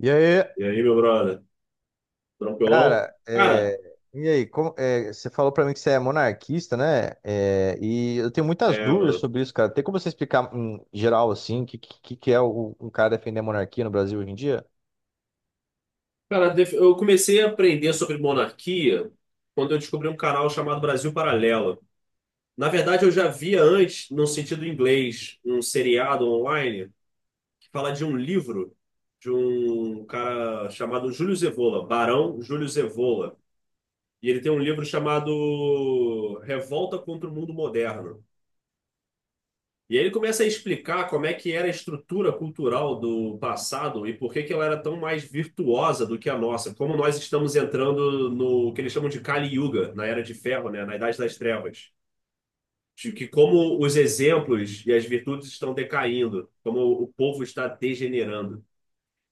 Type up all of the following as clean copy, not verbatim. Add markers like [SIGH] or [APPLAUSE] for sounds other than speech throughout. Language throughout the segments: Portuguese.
E aí, E aí, meu brother? Tranquilão? cara, Cara, você falou pra mim que você é monarquista, né? E eu tenho muitas dúvidas mano. sobre isso, cara. Tem como você explicar em geral, assim, o que é um cara defender a monarquia no Brasil hoje em dia? Cara, eu comecei a aprender sobre monarquia quando eu descobri um canal chamado Brasil Paralelo. Na verdade, eu já via antes, no sentido inglês, um seriado online que fala de um livro de um cara chamado Júlio Zevola, Barão Júlio Zevola. E ele tem um livro chamado Revolta contra o Mundo Moderno. E aí ele começa a explicar como é que era a estrutura cultural do passado e por que que ela era tão mais virtuosa do que a nossa. Como nós estamos entrando no que eles chamam de Kali Yuga, na Era de Ferro, né? Na Idade das Trevas. De que como os exemplos e as virtudes estão decaindo, como o povo está degenerando.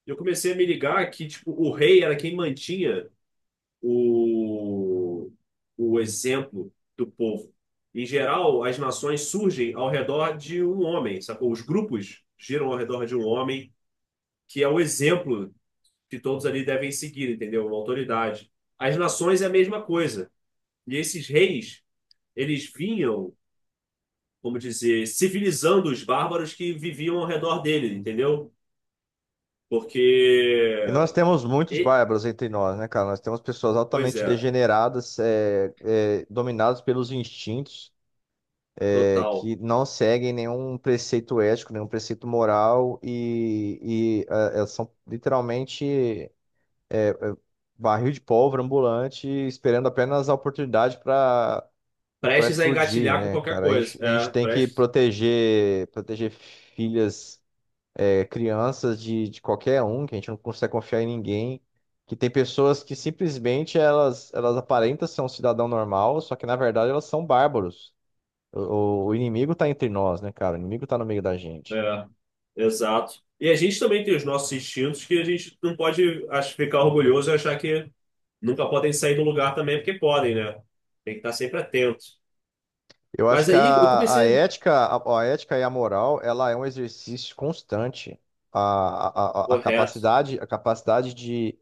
Eu comecei a me ligar que tipo, o rei era quem mantinha o, o exemplo do povo. Em geral, as nações surgem ao redor de um homem, sacou? Os grupos giram ao redor de um homem, que é o exemplo que todos ali devem seguir, entendeu? Uma autoridade. As nações é a mesma coisa. E esses reis, eles vinham, como dizer, civilizando os bárbaros que viviam ao redor dele, entendeu? E nós Porque. temos muitos e- bárbaros entre nós, né, cara? Nós temos pessoas Pois altamente é, degeneradas, dominadas pelos instintos, total. que não seguem nenhum preceito ético, nenhum preceito moral, e ah, elas são literalmente, barril de pólvora ambulante, esperando apenas a oportunidade para Prestes a explodir, engatilhar com né, qualquer cara? A coisa. gente, a gente É, tem que prestes. proteger filhas, é, crianças de qualquer um, que a gente não consegue confiar em ninguém. Que tem pessoas que simplesmente elas aparentam ser um cidadão normal, só que na verdade elas são bárbaros. O inimigo tá entre nós, né, cara? O inimigo tá no meio da gente. É. Exato. E a gente também tem os nossos instintos que a gente não pode ficar orgulhoso e achar que nunca podem sair do lugar também, porque podem, né? Tem que estar sempre atento. Eu acho Mas que aí eu a, a comecei. ética, a, a ética e a moral, ela é um exercício constante. A, a, a a Correto. capacidade, a capacidade de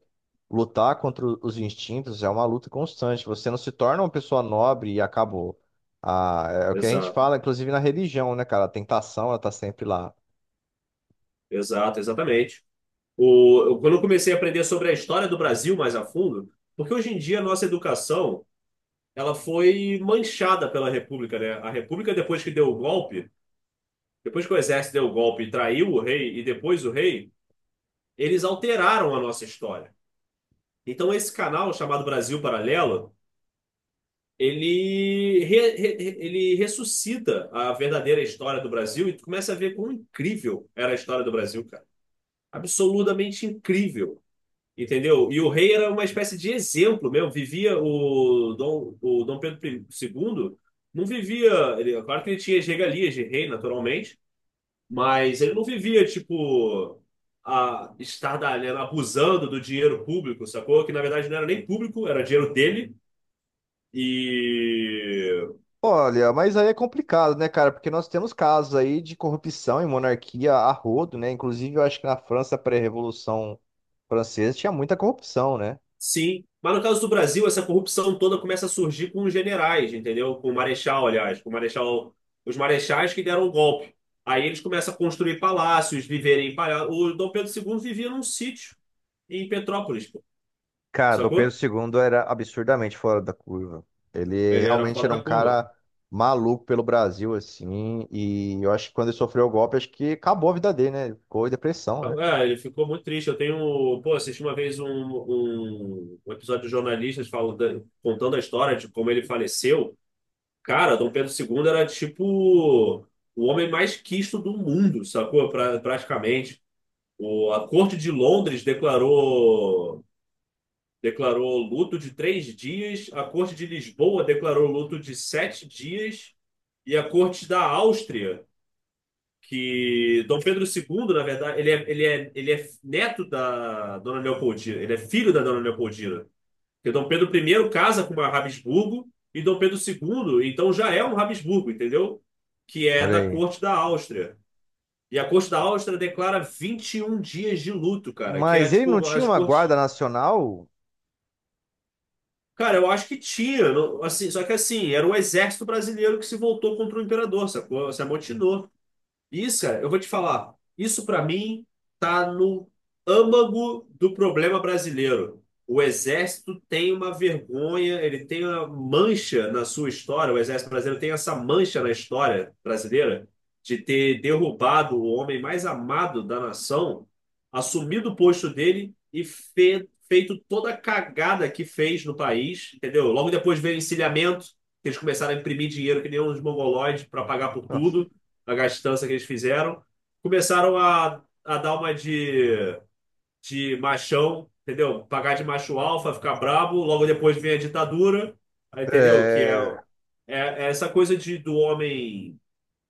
lutar contra os instintos é uma luta constante. Você não se torna uma pessoa nobre e acabou. Ah, é o que a gente Exato. fala, inclusive na religião, né, cara? A tentação, ela tá sempre lá. Exato, exatamente. Quando eu comecei a aprender sobre a história do Brasil mais a fundo, porque hoje em dia a nossa educação ela foi manchada pela República, né? A República, depois que deu o golpe, depois que o exército deu o golpe e traiu o rei, e depois o rei, eles alteraram a nossa história. Então, esse canal chamado Brasil Paralelo, ele ressuscita a verdadeira história do Brasil e tu começa a ver quão incrível era a história do Brasil, cara. Absolutamente incrível, entendeu? E o rei era uma espécie de exemplo mesmo. Vivia o Dom Pedro II, não vivia. Ele, claro que ele tinha as regalias de rei, naturalmente, mas ele não vivia, tipo a estar abusando do dinheiro público, sacou? Que na verdade não era nem público, era dinheiro dele. E Olha, mas aí é complicado, né, cara? Porque nós temos casos aí de corrupção em monarquia a rodo, né? Inclusive, eu acho que na França pré-revolução francesa tinha muita corrupção, né? sim, mas no caso do Brasil, essa corrupção toda começa a surgir com os generais, entendeu? Com o marechal, aliás, com o marechal, os marechais que deram o golpe. Aí eles começam a construir palácios, viverem em palácios. O Dom Pedro II vivia num sítio em Petrópolis, pô. Cara, Dom Pedro Sacou? II era absurdamente fora da curva. Ele Ele era realmente fora era um da curva. cara maluco pelo Brasil, assim. E eu acho que quando ele sofreu o golpe, acho que acabou a vida dele, né? Ele ficou em depressão, né? Então, é, ele ficou muito triste. Eu tenho, pô, assisti uma vez um episódio de jornalistas falando, contando a história de como ele faleceu. Cara, Dom Pedro II era tipo o homem mais quisto do mundo, sacou? Praticamente. A corte de Londres declarou luto de 3 dias, a corte de Lisboa declarou luto de 7 dias e a corte da Áustria, que Dom Pedro II, na verdade, ele é neto da Dona Leopoldina, ele é filho da Dona Leopoldina. Porque Dom Pedro I casa com uma Habsburgo e Dom Pedro II, então já é um Habsburgo, entendeu? Que é Olha da aí. corte da Áustria. E a corte da Áustria declara 21 dias de luto, cara, que é Mas ele não tipo tinha as uma cortes. guarda nacional? Cara, eu acho que tinha, assim, só que assim, era o exército brasileiro que se voltou contra o imperador, sacou? Se amotinou. Isso, cara, eu vou te falar. Isso pra mim tá no âmago do problema brasileiro. O exército tem uma vergonha, ele tem uma mancha na sua história. O exército brasileiro tem essa mancha na história brasileira de ter derrubado o homem mais amado da nação, assumido o posto dele e feito toda a cagada que fez no país, entendeu? Logo depois veio o encilhamento, que eles começaram a imprimir dinheiro que nem uns mongoloides para pagar por tudo a gastança que eles fizeram, começaram a dar uma de machão, entendeu? Pagar de macho alfa, ficar brabo, logo depois vem a ditadura, aí, entendeu? Que É, é, é essa coisa de, do homem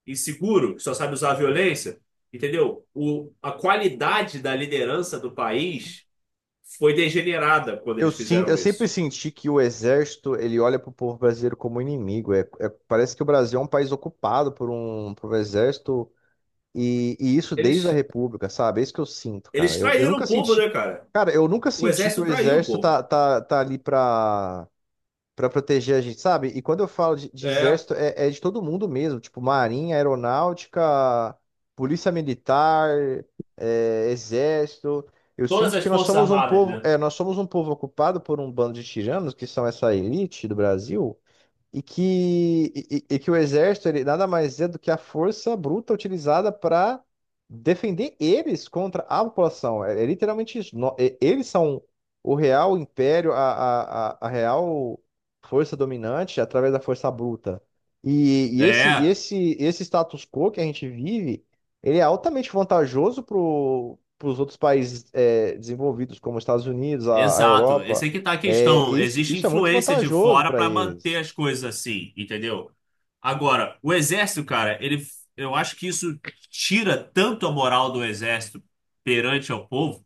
inseguro, que só sabe usar a violência, entendeu? A qualidade da liderança do país foi degenerada quando eu, eles sin- fizeram eu sempre isso. senti que o exército, ele olha pro povo brasileiro como inimigo. Parece que o Brasil é um país ocupado por por um exército. E isso desde a Eles, República, sabe? É isso que eu sinto, cara. eles Eu traíram o nunca povo, senti. né, cara? Cara, eu nunca O senti que o exército traiu o exército povo. tá ali pra proteger a gente, sabe? E quando eu falo de É, exército, é de todo mundo mesmo. Tipo, marinha, aeronáutica, polícia militar, exército. Eu todas sinto as que nós forças somos armadas, né? Nós somos um povo ocupado por um bando de tiranos, que são essa elite do Brasil e que o exército ele nada mais é do que a força bruta utilizada para defender eles contra a população. É, é literalmente isso. Eles são o real império, a real força dominante através da força bruta. E, e esse, e É, esse, esse status quo que a gente vive, ele é altamente vantajoso para os outros países desenvolvidos, como os Estados Unidos, a exato. Esse Europa. aí que tá a É, questão. isso, Existe isso é muito influência de vantajoso fora para para manter eles. as coisas assim, entendeu? Agora, o exército, cara, eu acho que isso tira tanto a moral do exército perante ao povo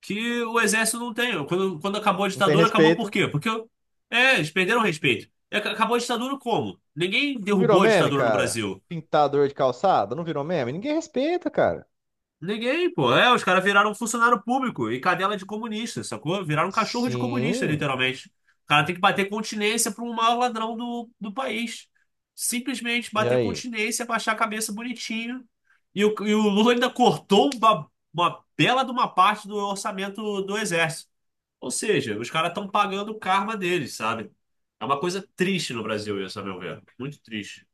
que o exército não tem. Quando acabou a Não tem ditadura, acabou por respeito. quê? Porque eles perderam o respeito. E Acabou a ditadura como? Ninguém Não virou derrubou a meme, ditadura no cara? Brasil. Pintador de calçada, não virou meme? Ninguém respeita, cara. Ninguém, pô. É, os caras viraram funcionário público e cadela de comunista, sacou? Viraram cachorro de comunista, Sim. literalmente. O cara tem que bater continência para um maior ladrão do país. Simplesmente E bater aí? continência, baixar a cabeça bonitinho. E o Lula ainda cortou uma bela de uma parte do orçamento do Exército. Ou seja, os caras estão pagando o karma deles, sabe? É uma coisa triste no Brasil isso, a meu ver. Muito triste.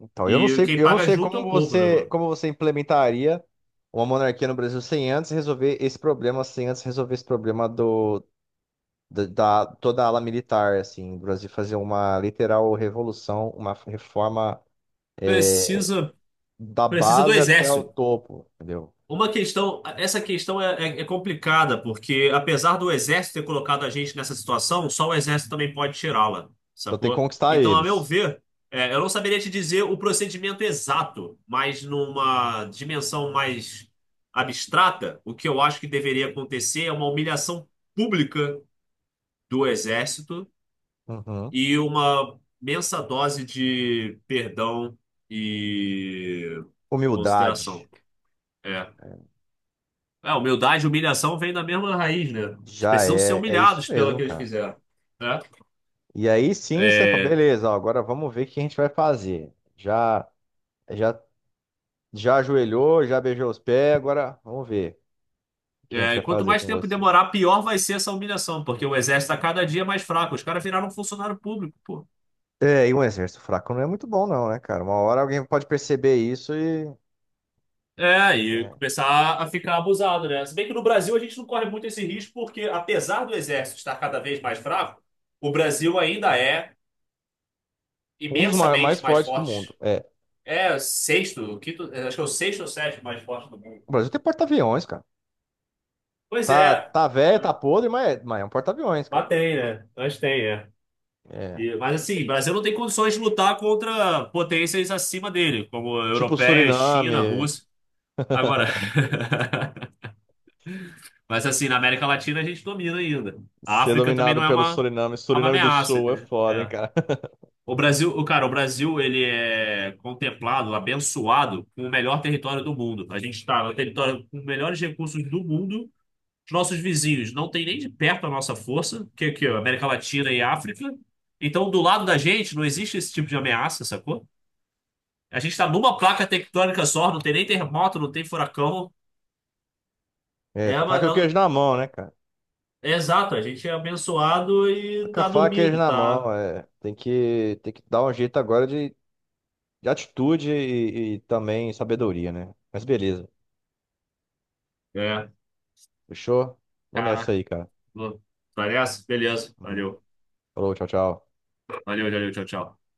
Então, eu não E sei, quem eu não paga sei junto é como o povo, né, você, mano? como você implementaria uma monarquia no Brasil sem antes resolver esse problema, sem antes resolver esse problema do da toda a ala militar, assim, do Brasil fazer uma literal revolução, uma reforma, é, Precisa, da precisa do base até o Exército. topo, entendeu? Uma questão, essa questão é complicada, porque apesar do exército ter colocado a gente nessa situação, só o exército também pode tirá-la, Então tem que sacou? conquistar Então, a meu eles. ver, eu não saberia te dizer o procedimento exato, mas numa dimensão mais abstrata, o que eu acho que deveria acontecer é uma humilhação pública do exército Uhum. e uma imensa dose de perdão e Humildade. consideração. É. É, humildade e humilhação vêm da mesma raiz, né? Eles Já precisam ser é isso humilhados pelo mesmo, que eles cara. fizeram, né? E aí sim, você fala, É, beleza, ó, agora vamos ver o que a gente vai fazer. Já, já ajoelhou, já beijou os pés, agora vamos ver o que a gente é, e vai quanto fazer mais com tempo você. demorar, pior vai ser essa humilhação, porque o exército está cada dia é mais fraco. Os caras viraram funcionário público, pô. É, e um exército fraco não é muito bom, não, né, cara? Uma hora alguém pode perceber isso e. É, e Né? começar a ficar abusado, né? Se bem que no Brasil a gente não corre muito esse risco, porque apesar do exército estar cada vez mais fraco, o Brasil ainda é Um dos mais imensamente mais fortes do mundo. forte. É. É o sexto, o quinto, acho que é o sexto ou sétimo mais forte do mundo. O Brasil tem porta-aviões, cara. Pois Tá, é. tá velho, tá podre, mas é um porta-aviões, cara. Mas tem, né? Mas tem, é. É. Mas assim, o Brasil não tem condições de lutar contra potências acima dele, como Tipo europeia China, Suriname. Rússia. Agora, [LAUGHS] [LAUGHS] mas assim, na América Latina a gente domina ainda. A Ser África também dominado não é pelo uma, Suriname. é uma Suriname do ameaça, Sul é entendeu? foda, hein, É. cara? O Brasil, o cara, o Brasil, ele é contemplado, abençoado com o melhor território do mundo. A gente está no território com os melhores recursos do mundo. Os nossos vizinhos não têm nem de perto a nossa força, que é aqui, ó, América Latina e África. Então, do lado da gente, não existe esse tipo de ameaça, sacou? A gente está numa placa tectônica só, não tem nem terremoto, não tem furacão. É, É, tá faca e o uma- queijo na mão, né, cara? é- é exato, a gente é abençoado Tá e com a tá faca e o queijo dormindo, na tá? mão, é. Tem que dar um jeito agora de atitude e também sabedoria, né? Mas beleza. É, Fechou? Vou nessa cara. aí, cara. Parece? Beleza. Uhum. Valeu. Falou, tchau, tchau. Valeu, valeu, tchau, tchau.